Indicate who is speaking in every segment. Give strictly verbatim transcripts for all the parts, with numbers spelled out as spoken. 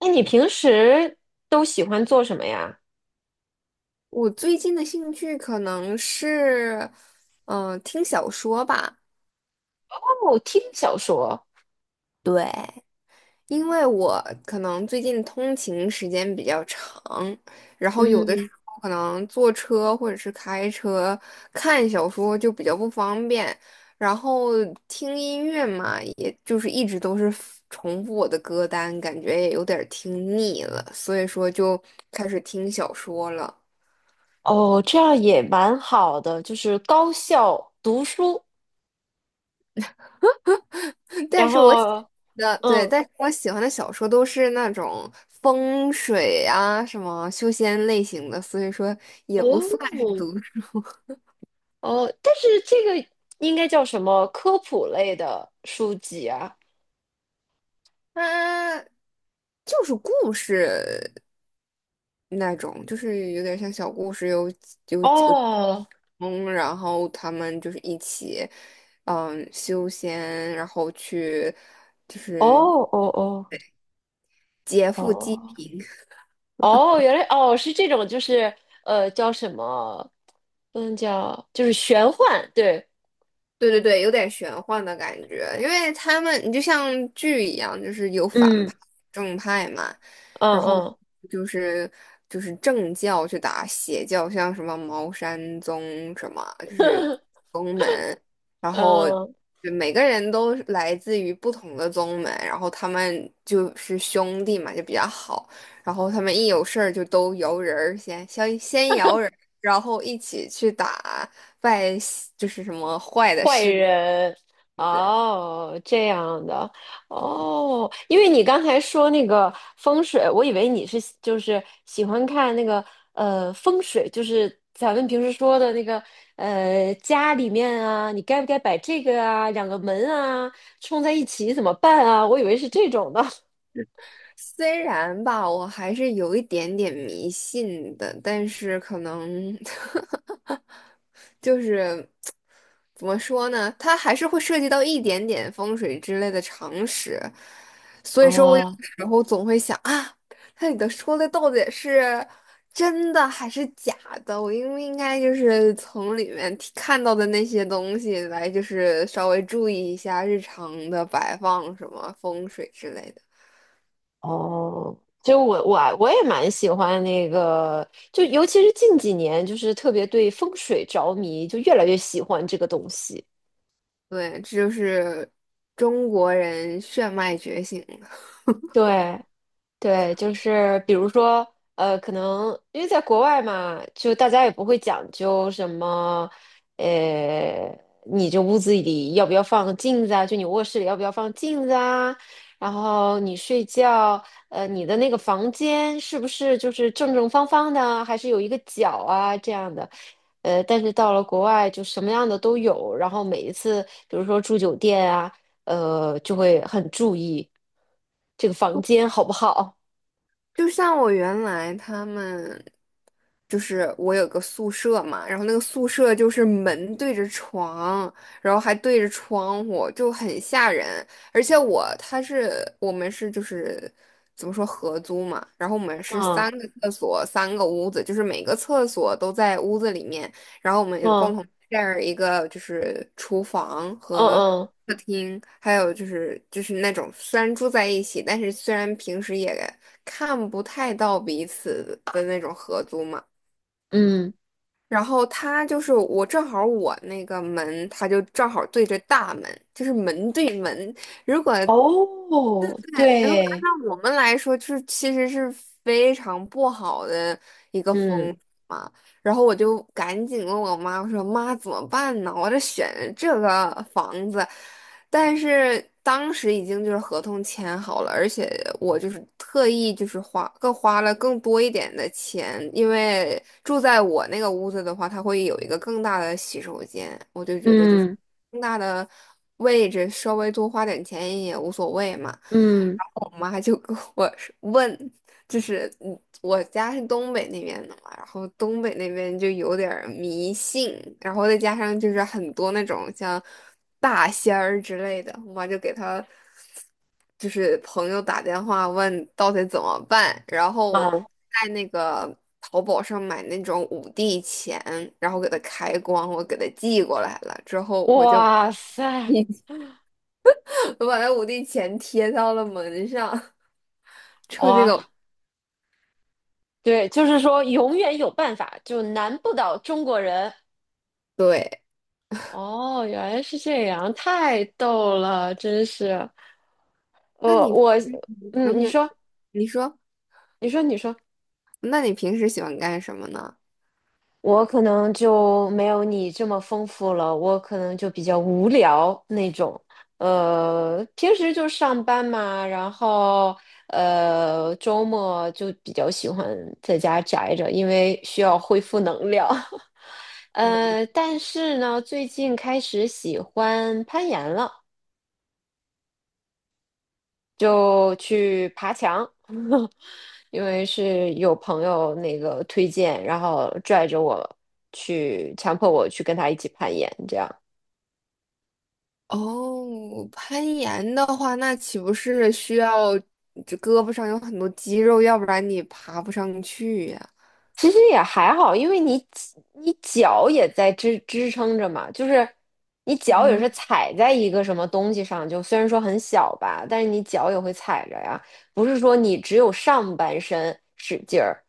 Speaker 1: 那你平时都喜欢做什么呀？
Speaker 2: 我最近的兴趣可能是，嗯、听小说吧。
Speaker 1: 哦，听小说，
Speaker 2: 对，因为我可能最近通勤时间比较长，然后有的时
Speaker 1: 嗯。
Speaker 2: 候可能坐车或者是开车看小说就比较不方便，然后听音乐嘛，也就是一直都是重复我的歌单，感觉也有点儿听腻了，所以说就开始听小说了。
Speaker 1: 哦，这样也蛮好的，就是高效读书。
Speaker 2: 但
Speaker 1: 然
Speaker 2: 是我喜
Speaker 1: 后，
Speaker 2: 的对，
Speaker 1: 嗯，
Speaker 2: 但是我喜欢的小说都是那种风水啊、什么修仙类型的，所以说也不算是
Speaker 1: 哦，
Speaker 2: 读书，
Speaker 1: 哦，但是这个应该叫什么科普类的书籍啊？
Speaker 2: 它就是故事那种，就是有点像小故事，有有几个主
Speaker 1: 哦，
Speaker 2: 公然后他们就是一起，嗯，修仙，然后去就
Speaker 1: 哦，
Speaker 2: 是
Speaker 1: 哦，哦，
Speaker 2: 劫富济
Speaker 1: 哦，
Speaker 2: 贫。
Speaker 1: 哦，原来哦是这种，就是呃，叫什么？嗯，叫，就是玄幻，对，
Speaker 2: 对对对，有点玄幻的感觉，因为他们你就像剧一样，就是有反
Speaker 1: 嗯，
Speaker 2: 派、正派嘛，
Speaker 1: 嗯
Speaker 2: 然后
Speaker 1: 嗯。
Speaker 2: 就是就是正教去打邪教，像什么茅山宗什么，就是宗门，然 后
Speaker 1: 嗯，
Speaker 2: 就每个人都是来自于不同的宗门，然后他们就是兄弟嘛，就比较好，然后他们一有事儿就都摇人儿先先先摇人儿，然后一起去打。坏就是什么坏的
Speaker 1: 坏
Speaker 2: 事。
Speaker 1: 人。哦，这样的。哦，因为你刚才说那个风水，我以为你是就是喜欢看那个呃风水，就是咱们平时说的那个呃家里面啊，你该不该摆这个啊，两个门啊冲在一起怎么办啊？我以为是这种的。
Speaker 2: 虽然吧，我还是有一点点迷信的，但是可能 就是怎么说呢？它还是会涉及到一点点风水之类的常识，所以说我有
Speaker 1: 哦
Speaker 2: 的时候总会想啊，它里头说的到底是真的还是假的？我应不应该就是从里面提看到的那些东西来，就是稍微注意一下日常的摆放什么风水之类的。
Speaker 1: 哦，就我我我也蛮喜欢那个，就尤其是近几年，就是特别对风水着迷，就越来越喜欢这个东西。
Speaker 2: 对，这就是中国人血脉觉醒。
Speaker 1: 对，对，就是比如说，呃，可能因为在国外嘛，就大家也不会讲究什么。呃，你这屋子里要不要放镜子啊？就你卧室里要不要放镜子啊？然后你睡觉，呃，你的那个房间是不是就是正正方方的啊，还是有一个角啊这样的？呃，但是到了国外就什么样的都有，然后每一次，比如说住酒店啊，呃，就会很注意这个房间好不好。
Speaker 2: 就像我原来他们，就是我有个宿舍嘛，然后那个宿舍就是门对着床，然后还对着窗户，就很吓人。而且我他是我们是就是怎么说合租嘛，然后我们是三
Speaker 1: 嗯
Speaker 2: 个厕所三个屋子，就是每个厕所都在屋子里面，然后我们共
Speaker 1: 嗯
Speaker 2: 同 share 一个就是厨房
Speaker 1: 嗯
Speaker 2: 和
Speaker 1: 嗯
Speaker 2: 听，还有就是就是那种虽然住在一起，但是虽然平时也看不太到彼此的那种合租嘛。
Speaker 1: 嗯，
Speaker 2: 然后他就是我正好我那个门，他就正好对着大门，就是门对门。如果
Speaker 1: 哦，
Speaker 2: 如果
Speaker 1: 对，
Speaker 2: 按照我们来说，就是其实是非常不好的一个风
Speaker 1: 嗯
Speaker 2: 水嘛。然后我就赶紧问我妈，我说妈怎么办呢？我这选这个房子，但是当时已经就是合同签好了，而且我就是特意就是花更花了更多一点的钱，因为住在我那个屋子的话，它会有一个更大的洗手间，我就觉得就是
Speaker 1: 嗯
Speaker 2: 更大的位置，稍微多花点钱也无所谓嘛。
Speaker 1: 嗯
Speaker 2: 我妈就跟我说问，就是嗯我家是东北那边的嘛，然后东北那边就有点儿迷信，然后再加上就是很多那种像大仙儿之类的，我妈就给她就是朋友打电话问到底怎么办，然后
Speaker 1: 嗯，
Speaker 2: 在那个淘宝上买那种五帝钱，然后给它开光，我给它寄过来了之后，我就
Speaker 1: 哇塞，
Speaker 2: 我把那五帝钱贴到了门上。之后这
Speaker 1: 哇，
Speaker 2: 个
Speaker 1: 对，就是说永远有办法，就难不倒中国人。
Speaker 2: 对。
Speaker 1: 哦，原来是这样，太逗了，真是。
Speaker 2: 那
Speaker 1: 我
Speaker 2: 你，
Speaker 1: 我，嗯，
Speaker 2: 嗯
Speaker 1: 你
Speaker 2: 哼。
Speaker 1: 说，
Speaker 2: 你说。
Speaker 1: 你说，你说。
Speaker 2: 那你平时喜欢干什么呢？
Speaker 1: 我可能就没有你这么丰富了，我可能就比较无聊那种。呃，平时就上班嘛。然后呃，周末就比较喜欢在家宅着，因为需要恢复能量。呃，但是呢，最近开始喜欢攀岩了。就去爬墙，因为是有朋友那个推荐，然后拽着我去，强迫我去跟他一起攀岩，这样。
Speaker 2: 哦，攀岩的话，那岂不是需要这胳膊上有很多肌肉，要不然你爬不上去呀？
Speaker 1: 其实也还好，因为你你脚也在支支撑着嘛，就是你脚也
Speaker 2: 嗯，
Speaker 1: 是踩在一个什么东西上，就虽然说很小吧，但是你脚也会踩着呀，不是说你只有上半身使劲儿。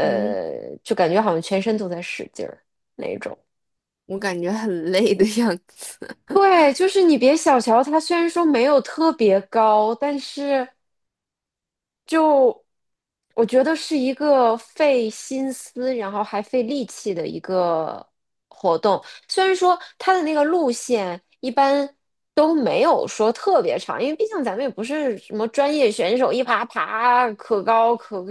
Speaker 2: 嗯，
Speaker 1: 就感觉好像全身都在使劲儿那种。
Speaker 2: 我感觉很累的样子。
Speaker 1: 对，就是你别小瞧它，虽然说没有特别高，但是就我觉得是一个费心思，然后还费力气的一个活动。虽然说它的那个路线一般都没有说特别长，因为毕竟咱们也不是什么专业选手，一爬爬可高可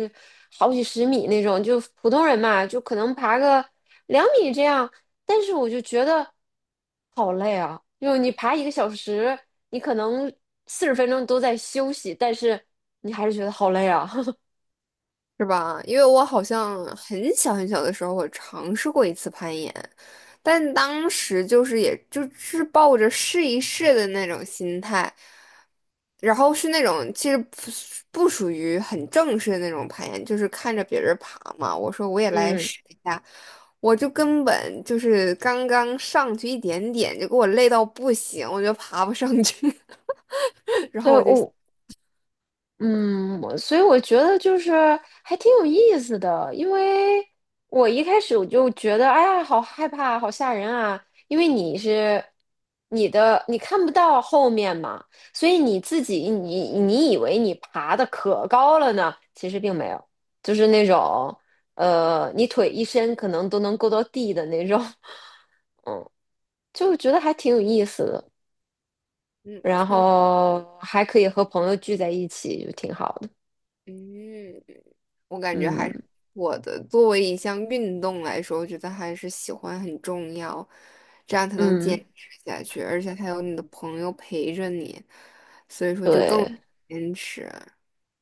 Speaker 1: 好几十米那种，就普通人嘛，就可能爬个两米这样。但是我就觉得好累啊，就你爬一个小时，你可能四十分钟都在休息，但是你还是觉得好累啊。
Speaker 2: 是吧？因为我好像很小很小的时候，我尝试过一次攀岩，但当时就是也就是抱着试一试的那种心态，然后是那种其实不属不属于很正式的那种攀岩，就是看着别人爬嘛，我说我也来
Speaker 1: 嗯，
Speaker 2: 试一下，我就根本就是刚刚上去一点点，就给我累到不行，我就爬不上去，然后
Speaker 1: 对，
Speaker 2: 我就
Speaker 1: 我嗯，我所以我觉得就是还挺有意思的，因为我一开始我就觉得，哎呀，好害怕，好吓人啊！因为你是你的，你看不到后面嘛，所以你自己你你以为你爬的可高了呢，其实并没有，就是那种呃，你腿一伸可能都能够到地的那种。就觉得还挺有意思的，
Speaker 2: 嗯
Speaker 1: 然
Speaker 2: 听
Speaker 1: 后还可以和朋友聚在一起，就挺好的，
Speaker 2: 嗯。我感觉还是
Speaker 1: 嗯
Speaker 2: 我的作为一项运动来说，我觉得还是喜欢很重要，这样才能坚
Speaker 1: 嗯。
Speaker 2: 持下去，而且还有你的朋友陪着你，所以说就更
Speaker 1: 对
Speaker 2: 坚持，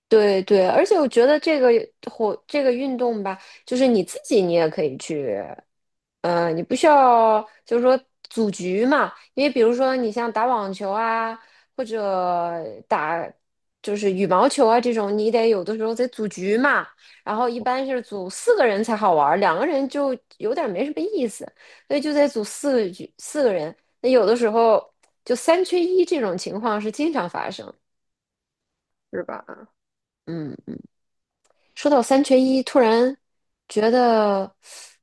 Speaker 1: 对对，而且我觉得这个活这个运动吧，就是你自己你也可以去。嗯，你不需要就是说组局嘛，因为比如说你像打网球啊，或者打就是羽毛球啊这种，你得有的时候得组局嘛，然后一般是组四个人才好玩儿，两个人就有点儿没什么意思，所以就得组四个局四个人，那有的时候就三缺一这种情况是经常发生。
Speaker 2: 是吧？
Speaker 1: 嗯。说到三缺一，突然觉得，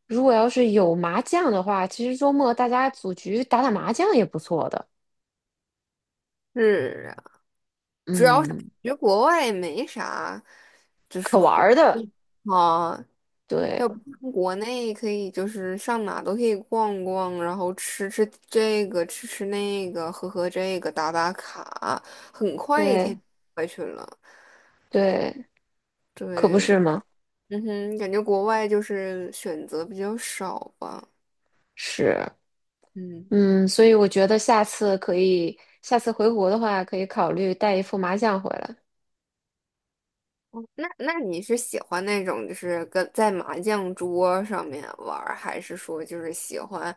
Speaker 1: 如果要是有麻将的话，其实周末大家组局打打麻将也不错的。
Speaker 2: 是啊，主要是感
Speaker 1: 嗯，
Speaker 2: 觉国外没啥，就是
Speaker 1: 可玩
Speaker 2: 活
Speaker 1: 儿
Speaker 2: 动
Speaker 1: 的，
Speaker 2: 啊，
Speaker 1: 对
Speaker 2: 要不像国内可以就是上哪都可以逛逛，然后吃吃这个，吃吃那个，喝喝这个，打打卡，很快一
Speaker 1: 对
Speaker 2: 天过去了。
Speaker 1: 对，可不
Speaker 2: 对，
Speaker 1: 是吗？
Speaker 2: 嗯哼，感觉国外就是选择比较少吧。
Speaker 1: 是，
Speaker 2: 嗯。
Speaker 1: 嗯，所以我觉得下次可以，下次回国的话，可以考虑带一副麻将回来。
Speaker 2: 哦那那你是喜欢那种就是跟在麻将桌上面玩儿，还是说就是喜欢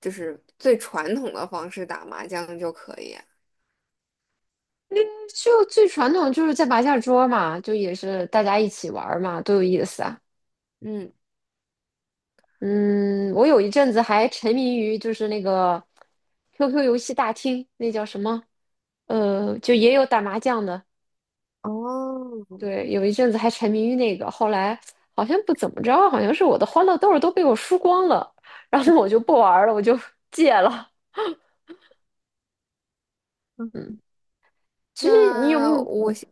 Speaker 2: 就是最传统的方式打麻将就可以啊
Speaker 1: 就最传统就是在麻将桌嘛，就也是大家一起玩儿嘛，多有意思啊！
Speaker 2: 嗯，
Speaker 1: 嗯，我有一阵子还沉迷于就是那个 Q Q 游戏大厅，那叫什么？呃，就也有打麻将的。
Speaker 2: 哦。
Speaker 1: 对，有一阵子还沉迷于那个，后来好像不怎么着，好像是我的欢乐豆儿都被我输光了，然后我就不玩儿了，我就 戒了。
Speaker 2: 嗯
Speaker 1: 嗯，其实你有没
Speaker 2: 那我
Speaker 1: 有？
Speaker 2: 先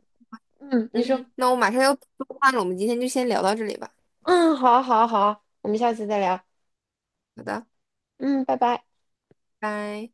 Speaker 1: 嗯，嗯你
Speaker 2: 嗯
Speaker 1: 说，
Speaker 2: 哼。那我马上要做饭了，我们今天就先聊到这里吧。
Speaker 1: 嗯，好啊好啊好啊我们下次再聊。
Speaker 2: 好的，
Speaker 1: 嗯，拜拜。
Speaker 2: 拜。